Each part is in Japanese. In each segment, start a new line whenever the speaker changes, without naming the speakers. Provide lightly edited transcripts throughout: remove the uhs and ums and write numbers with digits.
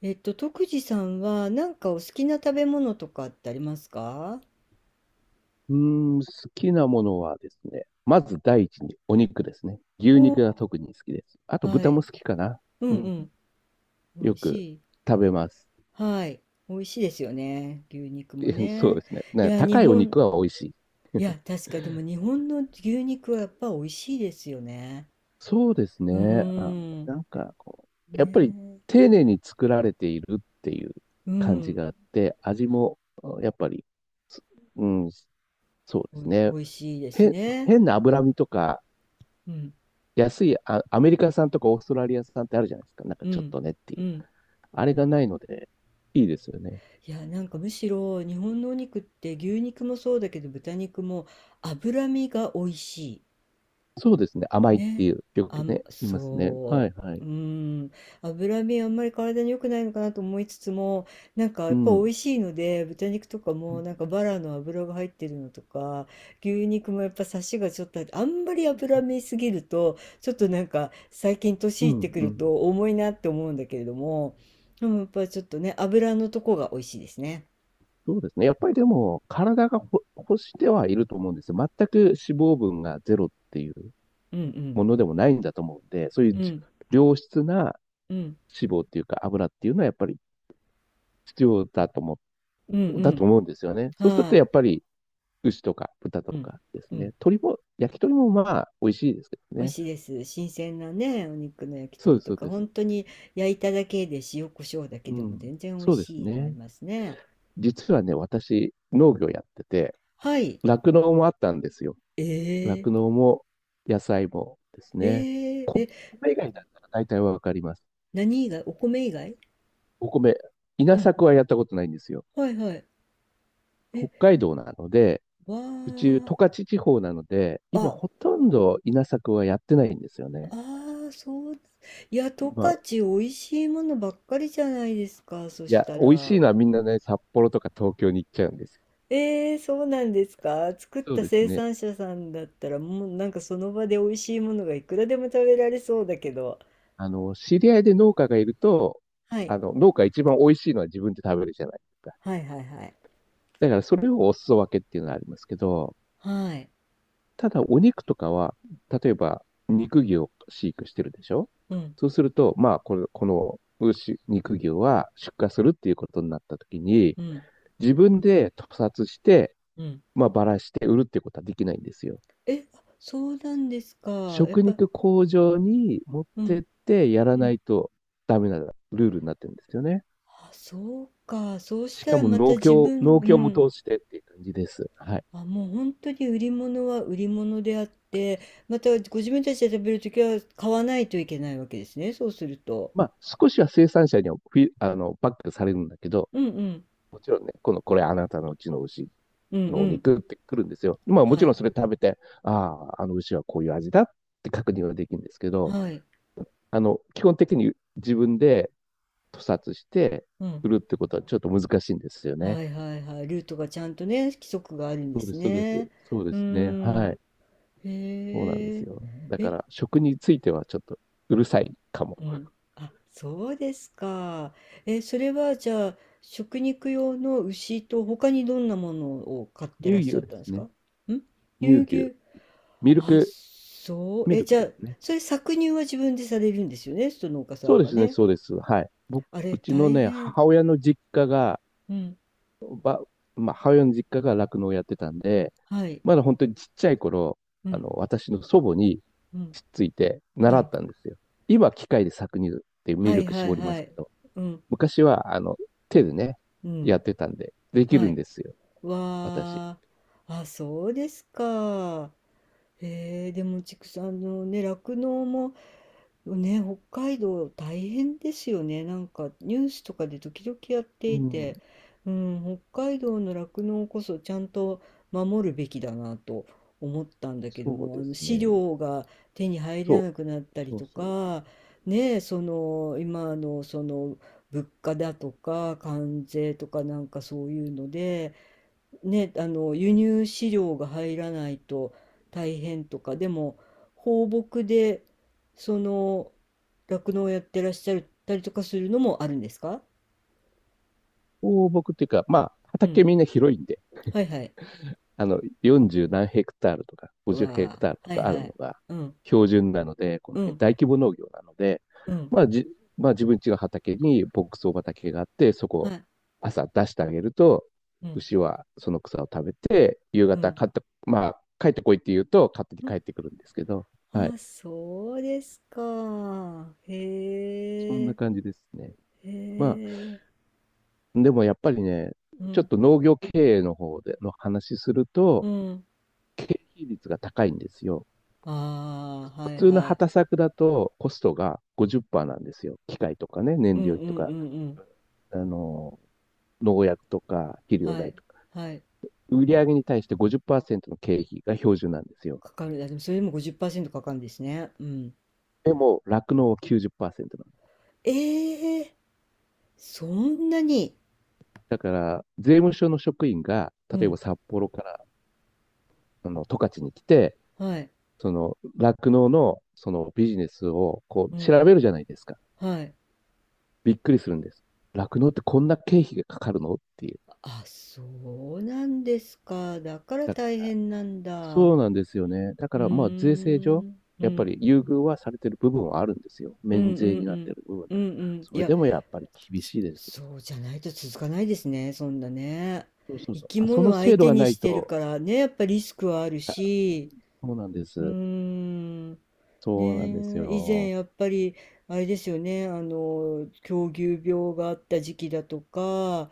えっと、徳次さんはなんかお好きな食べ物とかってありますか？
うー好きなものはですね、まず第一にお肉ですね。牛
お
肉が
ー。
特に好きです。あと
は
豚も
い。
好きかな。
う
う
ん
ん、
うん。美
よ
味し
く
い。
食べます。
はい。美味しいですよね。牛肉 も
そうで
ね。
すね。
い
ね、
や、日
高いお
本、
肉は美味しい。
いや、確かでも日本の牛肉はやっぱ美味しいですよね。
そうです
う
ね。あ、
ーん。
なんかこう、やっぱり
ね
丁寧に作られているっていう
え。う
感じ
ん。
があって、味もやっぱり、うん、そうで
お
す
いし、美
ね。
味しいです
へ、
ね。
変な脂身とか、
うん。
安いあ、アメリカ産とかオーストラリア産ってあるじゃないですか。なんか
う
ちょっ
ん。
とねってい
う
う。
ん。
あれがないので、いいですよね。
いや、なんかむしろ日本のお肉って牛肉もそうだけど豚肉も脂身が美味しい。
そうですね。甘いって
ね、
いう、よ
あ
く
ん、
ね、言いますね。はい
そ
はい。
う、うーん、脂身あんまり体に良くないのかなと思いつつも、なんかや
う
っぱ美味
ん。
しいので、豚肉とかもなんかバラの脂が入ってるのとか、牛肉もやっぱサシがちょっとあって、あんまり脂身すぎると、ちょっとなんか最近
う
年いって
ん、
く
う
る
ん。
と重いなって思うんだけれども、でもやっぱちょっとね、脂のとこが美味しいですね。
そうですね。やっぱりでも、体が欲してはいると思うんですよ。全く脂肪分がゼロっていう
うんうん、
ものでもないんだと思うんで、そうい
う
うじ
ん、
良質な
うん、
脂肪っていうか油っていうのはやっぱり必要だと
う
だと
ん、
思うんですよね。
うん、
そうする
は
と
い、
やっぱり牛とか豚と
うん、
かです
う
ね。
ん。
鳥も、焼き鳥もまあ、美味しいですけど
美味
ね。
しいです。新鮮なね、お肉の焼き
そうで
鳥
す、
と
そう
か、
です。
本当に焼いただけで塩コショウだけ
う
でも
ん。
全然美味
そうです
しいのあ
ね。
りますね。
実はね、私、農業やってて、
はい。
酪農もあったんですよ。
え
酪農も野菜もです
ー、
ね。
えー、
こ
え、
米以外だったら大体わかります。
何以外お米以外。
お米、稲
うんう
作
ん。
はやったことないんですよ。
はいはい。
北
え、
海道なので、
わ
うち十
ー。
勝地方なので、今
あ、
ほとんど稲作はやってないんですよね。
あー、そうだ。いや、十
まあ、
勝美味しいものばっかりじゃないですか。そ
い
し
や、
た
美味
ら。
しいのはみんなね、札幌とか東京に行っちゃうんです。
えー、そうなんですか。作っ
そう
た
です
生
ね。
産者さんだったら、もうなんかその場で美味しいものがいくらでも食べられそうだけど。
あの、知り合いで農家がいると、
はい。
あの、農家一番美味しいのは自分で食べるじゃないですか。
はいはいはい。
だからそれをお裾分けっていうのはありますけど、
はい。
ただお肉とかは、例えば肉牛を飼育してるでしょ。
うん。
そうすると、まあ、この牛、肉牛は出荷するっていうことになった時に、
うん。
自分で屠殺して、
うん。
まあ、ばらして売るっていうことはできないんですよ。
え、あそうなんですか。やっ
食
ぱ、
肉工場に持っ
う
てっ
ん。
てやら
う
な
ん。
いとダメなルールになってるんですよね。
あ、そうか。そうし
し
た
か
ら
も
また自分、う
農協も
ん。
通してっていう感じです。はい。
あ、もう本当に売り物は売り物であって、またご自分たちで食べるときは買わないといけないわけですね。そうすると。
まあ、少しは生産者にはフィ、あの、バックされるんだけど、
うんうん。
もちろんね、これあなたのうちの牛
うんう
のお
ん。
肉ってくるんですよ。まあ、も
は
ちろ
い。
んそれ食べて、ああ、あの牛はこういう味だって確認はできるんですけど、
はい。
あの、基本的に自分で屠殺して
うん。
売るってことはちょっと難しいんですよね。
はいはいはい。ルートがちゃんとね、規則があるんで
そうで
す
す、そうです。
ね。
そう
う
で
ー
すね。は
ん。
い。そうなんで
へ
す
え。
よ。だか
え、
ら、食についてはちょっとうるさいかも。
うん。あ、そうですか。え、それはじゃあ、食肉用の牛と他にどんなものを飼って
乳
らっしゃ
牛
っ
で
たんで
す
すか
ね。
ん。乳
乳牛。
牛。
ミル
あ、
ク、
そう。
ミ
え、
ルク
じゃ
で
あ、
すね。
それ搾乳は自分でされるんですよね、その農家さ
そう
ん
で
が
すね、
ね。
そうです。はい。僕、
あれ、
うちの
大
ね、
変。
母親の実家が、
うん。
ば、まあ、母親の実家が酪農をやってたんで、
はい。
まだ本当にちっちゃい頃、
う
あ
ん。
の、私の祖母に
うん。
つっついて
は
習っ
い。
たんですよ。今、機械で搾乳ってミ
は
ル
い
ク
はい
絞りま
は
す
い。
けど、
うん。
昔は、あの、手でね、
う
やっ
ん。
てたんで、でき
は
るん
い。
ですよ、私。
わー。あ、そうですか。へえ、でも畜産のね、酪農も、ね、北海道大変ですよね。なんかニュースとかで時々やっ
う
てい
ん、
て、うん、北海道の酪農こそちゃんと守るべきだなと思ったんだけど
そう
も、あ
で
の
す
飼
ね。
料が手に入ら
そ
な
う。
くなったり
そう
と
そう。
か、ねえ、その今のその物価だとか関税とかなんかそういうので、ね、あの輸入飼料が入らないと大変とか、でも放牧でその酪農をやってらっしゃったりとかするのもあるんですか？
放牧っていうか、まあ、
う
畑
ん。
みんな広いんで、
はいはい。
あの、40何ヘクタールとか、
う
50ヘク
わ
タール
あ、
と
はい
かある
は
の
い。
が
うん、
標準なので、この
う
辺、
ん、
大規模農業なので、
うん、
まあじ、まあ自分家の畑に牧草畑があって、そ
は
こ
い。
朝出してあげると、
うん、
牛はその草を食べて、夕
う
方
ん、
帰って、まあ帰ってこいって言うと勝手に
う
帰
ん。
ってくるんですけど、はい。
あ、そうですか。へ
そんな
え、
感じですね。
へ
まあ、
え。
でもやっぱりね、
う
ちょっ
ん、
と農業経営の方での話する
う
と、
ん。
経費率が高いんですよ。
ああ、は
普
い
通の
は
畑
い。
作だとコストが50%なんですよ。機械とかね、
う
燃
ん
料費
う
と
んう
か、
んうん。
あの農薬とか肥料
は
代
い、
とか。
はい。
売上に対して50%の経費が標準なんですよ。
かかる。いやでもそれでも50%かかるんですね。うん。
でも、酪農は90%なんです。
ええ、そんなに。
だから、税務署の職員が、
う
例えば
ん、
札幌から、あの、十勝に来て、
はい、
その、酪農の、そのビジネスを、こ
う
う、調
ん、
べるじゃないですか。
はい。
びっくりするんです。酪農ってこんな経費がかかるのっていう。
あ、そうなんですか。だから
だか
大変なんだ。う
そうなんですよね。だか
ー
ら、まあ、税制上、
ん、う
やっぱ
ん、
り優遇はされてる部分はあるんですよ。
う
免
ん、う
税
ん、
に
う
なって
ん、
る部分。
うん、うん。
そ
い
れ
や、
でもやっぱり厳
ち
しいです。
そうじゃないと続かないですね、そんなね。
そうそう
生
そう。
き
あ、その
物相
制度
手
が
に
な
し
い
てる
と。
からね、やっぱリスクはあるし、
そうなんで
うー
す。
ん、
そうなんです
ねえ、以前
よ。
やっぱり、あれですよね、あの、狂牛病があった時期だとか、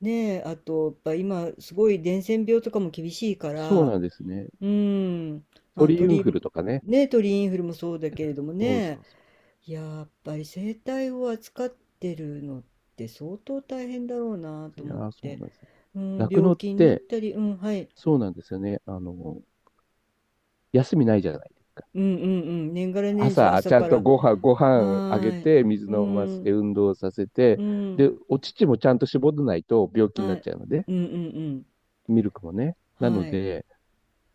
ねえ、あと、やっぱ今、すごい伝染病とかも厳しいか
そう
ら、
なんですね。
うーん、まあ、
鳥インフ
鳥、
ルとかね。
ね、鳥インフルもそうだけれども
そうそ
ね、
うそ
やっぱり生態を扱ってるのって相当大変だろうな
う。
と
いや
思っ
ー、そう
て、
なんですよ。
うん、
酪
病
農っ
気になっ
て、
たり、うん、はい、
そうなんですよね。あの、休みないじゃないですか。
うんうんうん、年がら年中
朝、
朝
ちゃ
か
ん
ら、
とご
は
飯あげ
ーい、
て、水
う
飲ませて、
ん、
運動させ
う
て、
ん、
で、お乳もちゃんと絞らないと病気に
は
なっ
い、
ちゃうので、
うんうん
ミルクもね。
うん、
なの
はい、
で、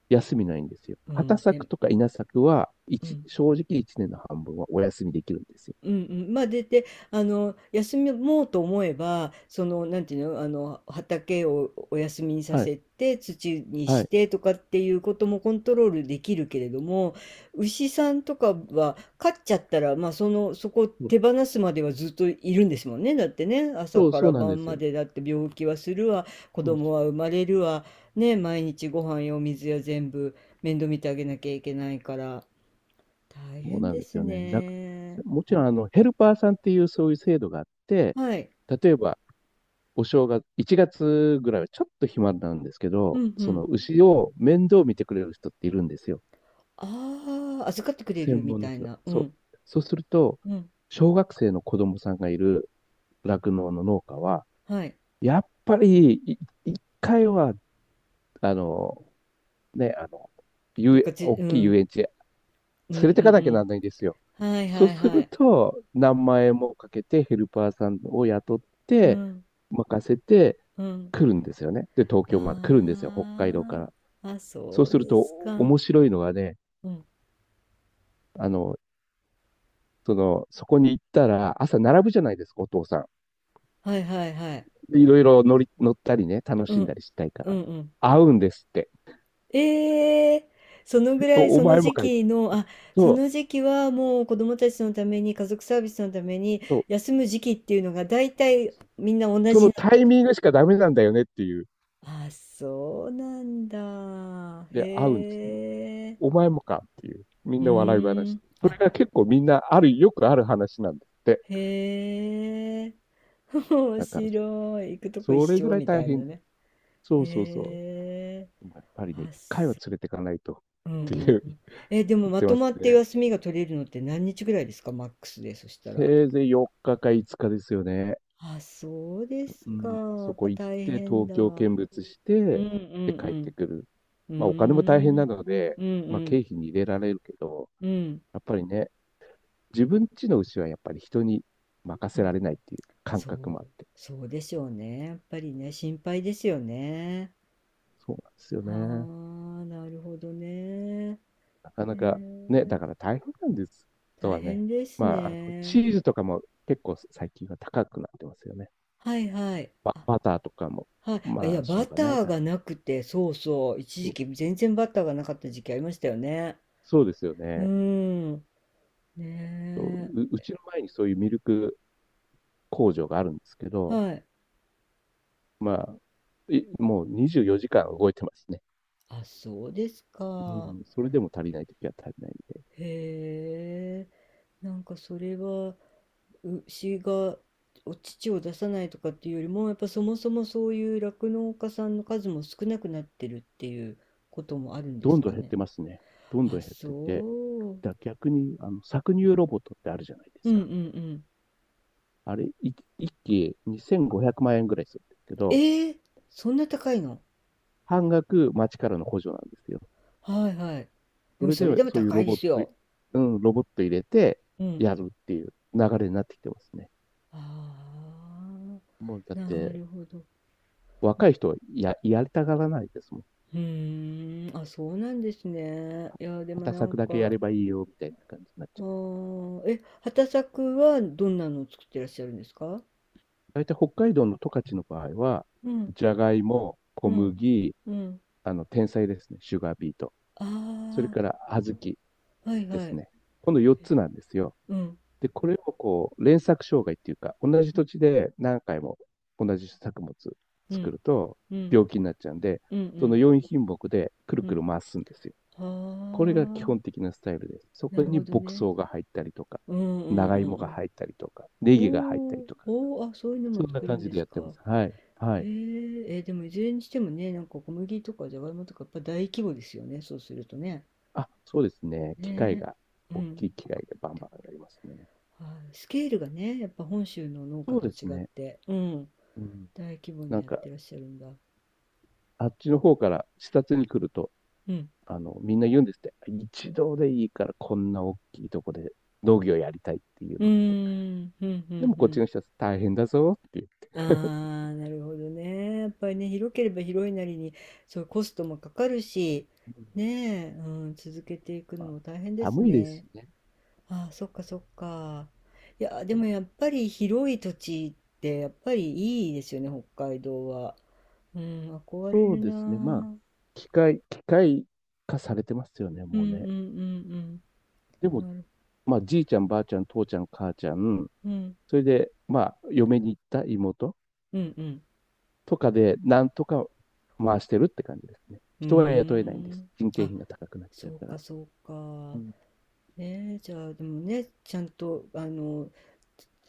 休みないんですよ。
うん、
畑作
て、
とか稲作は、
うん。
正直1年の半分はお休みできるんですよ。
うんうん、まあで、で、あの休もうと思えばそのなんていうの、あの畑をお休みにさ
はい、
せて土に
は
し
い。
てとかっていうこともコントロールできるけれども牛さんとかは飼っちゃったら、まあ、そのそこを
そう、
手放すまではずっといるんですもんねだってね朝か
そ
ら
うなんで
晩
す
ま
よ。
でだって病気はするわ子
そう
供は生まれるわね毎日ご飯やお水や全部面倒見てあげなきゃいけないから大
そう
変
なん
で
です
す
よね。
ね。
もちろん、あの、ヘルパーさんっていうそういう制度があって、
はい。
例えば、お正月、1月ぐらいはちょっと暇なんですけ
う
ど、
んう
その
ん。
牛を面倒見てくれる人っているんですよ。
ああ、預かってくれる
専
み
門の
たい
人。
な。う
そう。
ん。
そうすると、
うん。
小学生の子供さんがいる酪農の農家は、
はい。
やっぱり一回は、あの、ね、あの、
どっかじ。
大きい遊園地へ
うん
連
う
れてか
ん
なき
う
ゃな
ん
んないんですよ。
うん。はい
そ
は
う
い
す
は
る
い。
と、何万円もかけてヘルパーさんを雇っ
う
て、
ん。
任せて
うん。
来るんですよね。で、東京まで来るんですよ。北海道か
あ
ら。
あ。あ、
そう
そう
する
で
と、
すか。
面白いのがね、
うん。
あの、その、そこに行ったら、朝並ぶじゃないですか、お父さ
はいはいはい。
ん。いろいろ乗ったりね、楽
う
しんだ
ん。
りしたいか
うん
ら。
うん。
会うんですって。
ええ。そのぐらい、
お
その
前も
時
かい。
期の、あ、そ
そう、
の時期はもう子供たちのために、家族サービスのために、
そう。
休む時期っていうのが大体みんな同
そ
じ
の
なん
タ
だ
イ
ね。
ミングしかダメなんだよねっていう。
あ、そうなんだ。
で、会うんです。
へえ。
お前もかっていう。みん
う
な笑い
ー
話。
ん。
それ
あ、
が結構みんなある、よくある話なんですって。
へえ。面
だから、
白い。行くとこ一
それぐ
緒
らい
みた
大
い
変。
なね。
そうそうそ
へえ。
う。やっぱりね、
あ、
一回は
そ
連れてかないとっ
う。うん
て
う
い
ん
う
うん。え、でも
言っ
ま
て
と
ます
まって
ね。
休みが取れるのって何日ぐらいですか？マックスで、そしたら。
せいぜい4日か5日ですよね。
あ、そうです
う
か。
ん、
や
そ
っぱ
こ行っ
大
て、
変
東
だ
京
わ。
見物し
う
て、
んう
で、帰って
ん
くる。
うん。うー
まあ、お金も大変な
ん。
ので、
うんう
まあ、経
ん。
費に入れられるけど、
うん。
やっぱりね、自分家の牛はやっぱり人に任
う
せら
ん。
れないっていう感
そ
覚もあっ
う、
て、
そうでしょうね。やっぱりね、心配ですよね。
そうなんですよ
は
ね。
あ、なるほどね。へ
なかなか、ね、だ
え、
から大変なんです。と
大
はね、
変です
まあ、あの
ね。
チーズとかも結構最近は高くなってますよね。
はいはい。あ、
バターとかも、
はい。あ、い
ま
や、
あ、しょ
バ
うがない
ター
か
が
な。
なくて、そうそう。一
そ
時
う
期全然バターがなかった時期ありましたよね。
そうですよ
うー
ね。
ん。
う
ね
うちの前にそういうミルク工場があるんですけ
え。
ど、
はい。
まあ、もう24時間動いてますね。
あ、そうです
う
か。
ん、それでも足りないときは足りないんで、
へえ。なんかそれは牛がお乳を出さないとかっていうよりもやっぱそもそもそういう酪農家さんの数も少なくなってるっていうこともあるんで
ど
す
んどん
か
減っ
ね。
てますね。どんど
あ、
ん減っ
そ
てて、
う。うん
逆にあの搾乳ロボットってあるじゃないで
う
す
ん
か。
うん。
あれ、一機2500万円ぐらいするんですけ
え
ど、
ー、そんな高いの。
半額町からの補助なんですよ。
はいはい。で
そ
も
れで
それでも
そういう
高
ロ
いで
ボット、
すよ。
うん、ロボット入れて
うん。
やるっていう流れになってきてますね。
ああ、
もうだっ
な
て、
るほど。う
若い人はやりたがらないですもん。
ーん、あ、そうなんですね。いや、でも
畑
なん
作だけや
か、
ればいいよみたいな感じになっち
あ
ゃ
ー、え、畑作はどんなのを作ってらっしゃるんですか？
う。大体北海道の十勝の場合は、
うん。
じゃがいも、小
うん。
麦、
うん。
あの、天才ですね、シュガービート。それ
あ
から小豆
あ、はい
で
は
す
い。
ね。この4つなんですよ。
うん。
で、これをこう、連作障害っていうか、同じ
うん。
土地で何回も同じ作物
う
作
ん。
ると
うん。
病気になっちゃうんで、
う
その
ん。
4品目でくる
う
くる
ん。
回すんですよ。これが基
は
本的なスタイルです。そ
あ、な
こ
る
に
ほど
牧
ね。
草が入ったりとか、
うんうん
長
うん
芋
う
が
ん。
入ったりとか、ネギが入った
お
り
ー
とか、
おー、あ、そういうのも
そんな
作る
感
ん
じ
で
で
す
やってま
か。
す。はい。は
へ
い。
え、えーでもいずれにしてもね、なんか小麦とかじゃがいもとかやっぱ大規模ですよね、そうするとね。
あ、そうですね。機械
ね
が、
え、う
大
ん。
きい機械でバン
で、
バンやりますね。
はい、スケールがね、やっぱ本州の農家
そう
と
です
違っ
ね。
て、うん、
うん。
大規模
な
に
ん
やっ
か、
てらっしゃるんだ。
あっちの方から視察に来ると、
うん。
あの、みんな言うんですって。一度でいいからこんな大きいとこで農業やりたいって言うん
うー
ですって。
ん、うん、う
でもこっち
ん、
の人は大変だぞっていう。
ああ、なるほどね。やっぱりね、広ければ広いなりに、そう、コストもかかるし、
うん。
ねえ、うん、続けていくの
まあ、
も大変です
寒いです
ね。
しね。
ああ、そっかそっか。いや、でもやっぱり広い土地って、やっぱりいいですよね、北海道は。うん、憧れ
そう
る
で
なあ。う
すね。まあ、
ん
機械化されてますよね、
うんう
もう
ん
ね。
うん。
でも、
なる、
まあ、じいちゃん、ばあちゃん、父ちゃん、母ちゃん、
うん、
それで、まあ、嫁に行った妹
うんうん。
とかで、なんとか回してるって感じですね。
うー
人は雇えないんです。
ん。
人件
あ、
費が高くなっちゃ
そ
う
う
か
か
ら。
そう
う
か。
ん、
ねえ、じゃあでもね、ちゃんとあの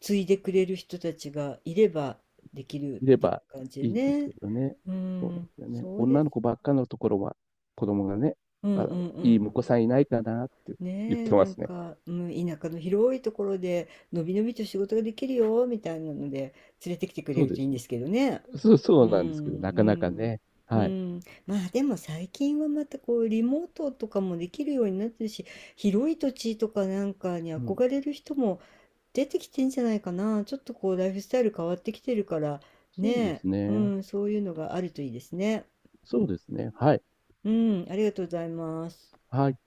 継いでくれる人たちがいればできる
いれ
ってい
ば
う感じで
いいんです
ね。
けどね。
う
そうなん
ん、
ですよね。
そうで
女
す。
の子ばっかのところは、子供がね、
うん
あ
う
の、
んう
いい
ん。
婿さんいないかなって言っ
ねえ、
て
な
ま
ん
すね。
か、うん、田舎の広いところで、のびのびと仕事ができるよ、みたいなので、連れてきてくれ
そう
る
で
とい
す
いんで
ね。
すけどね。
そう、
う
そうなんですけど、
ん、
なかなかね。
うん、
はい。
うん。まあでも最近はまたこう、リモートとかもできるようになってるし、広い土地とかなんかに
うん。
憧れる人も出てきてんじゃないかな。ちょっとこうライフスタイル変わってきてるからね
そうです
え、う
ね。
ん、そういうのがあるといいですね。
そうですね。はい。
うん、ありがとうございます。
はい。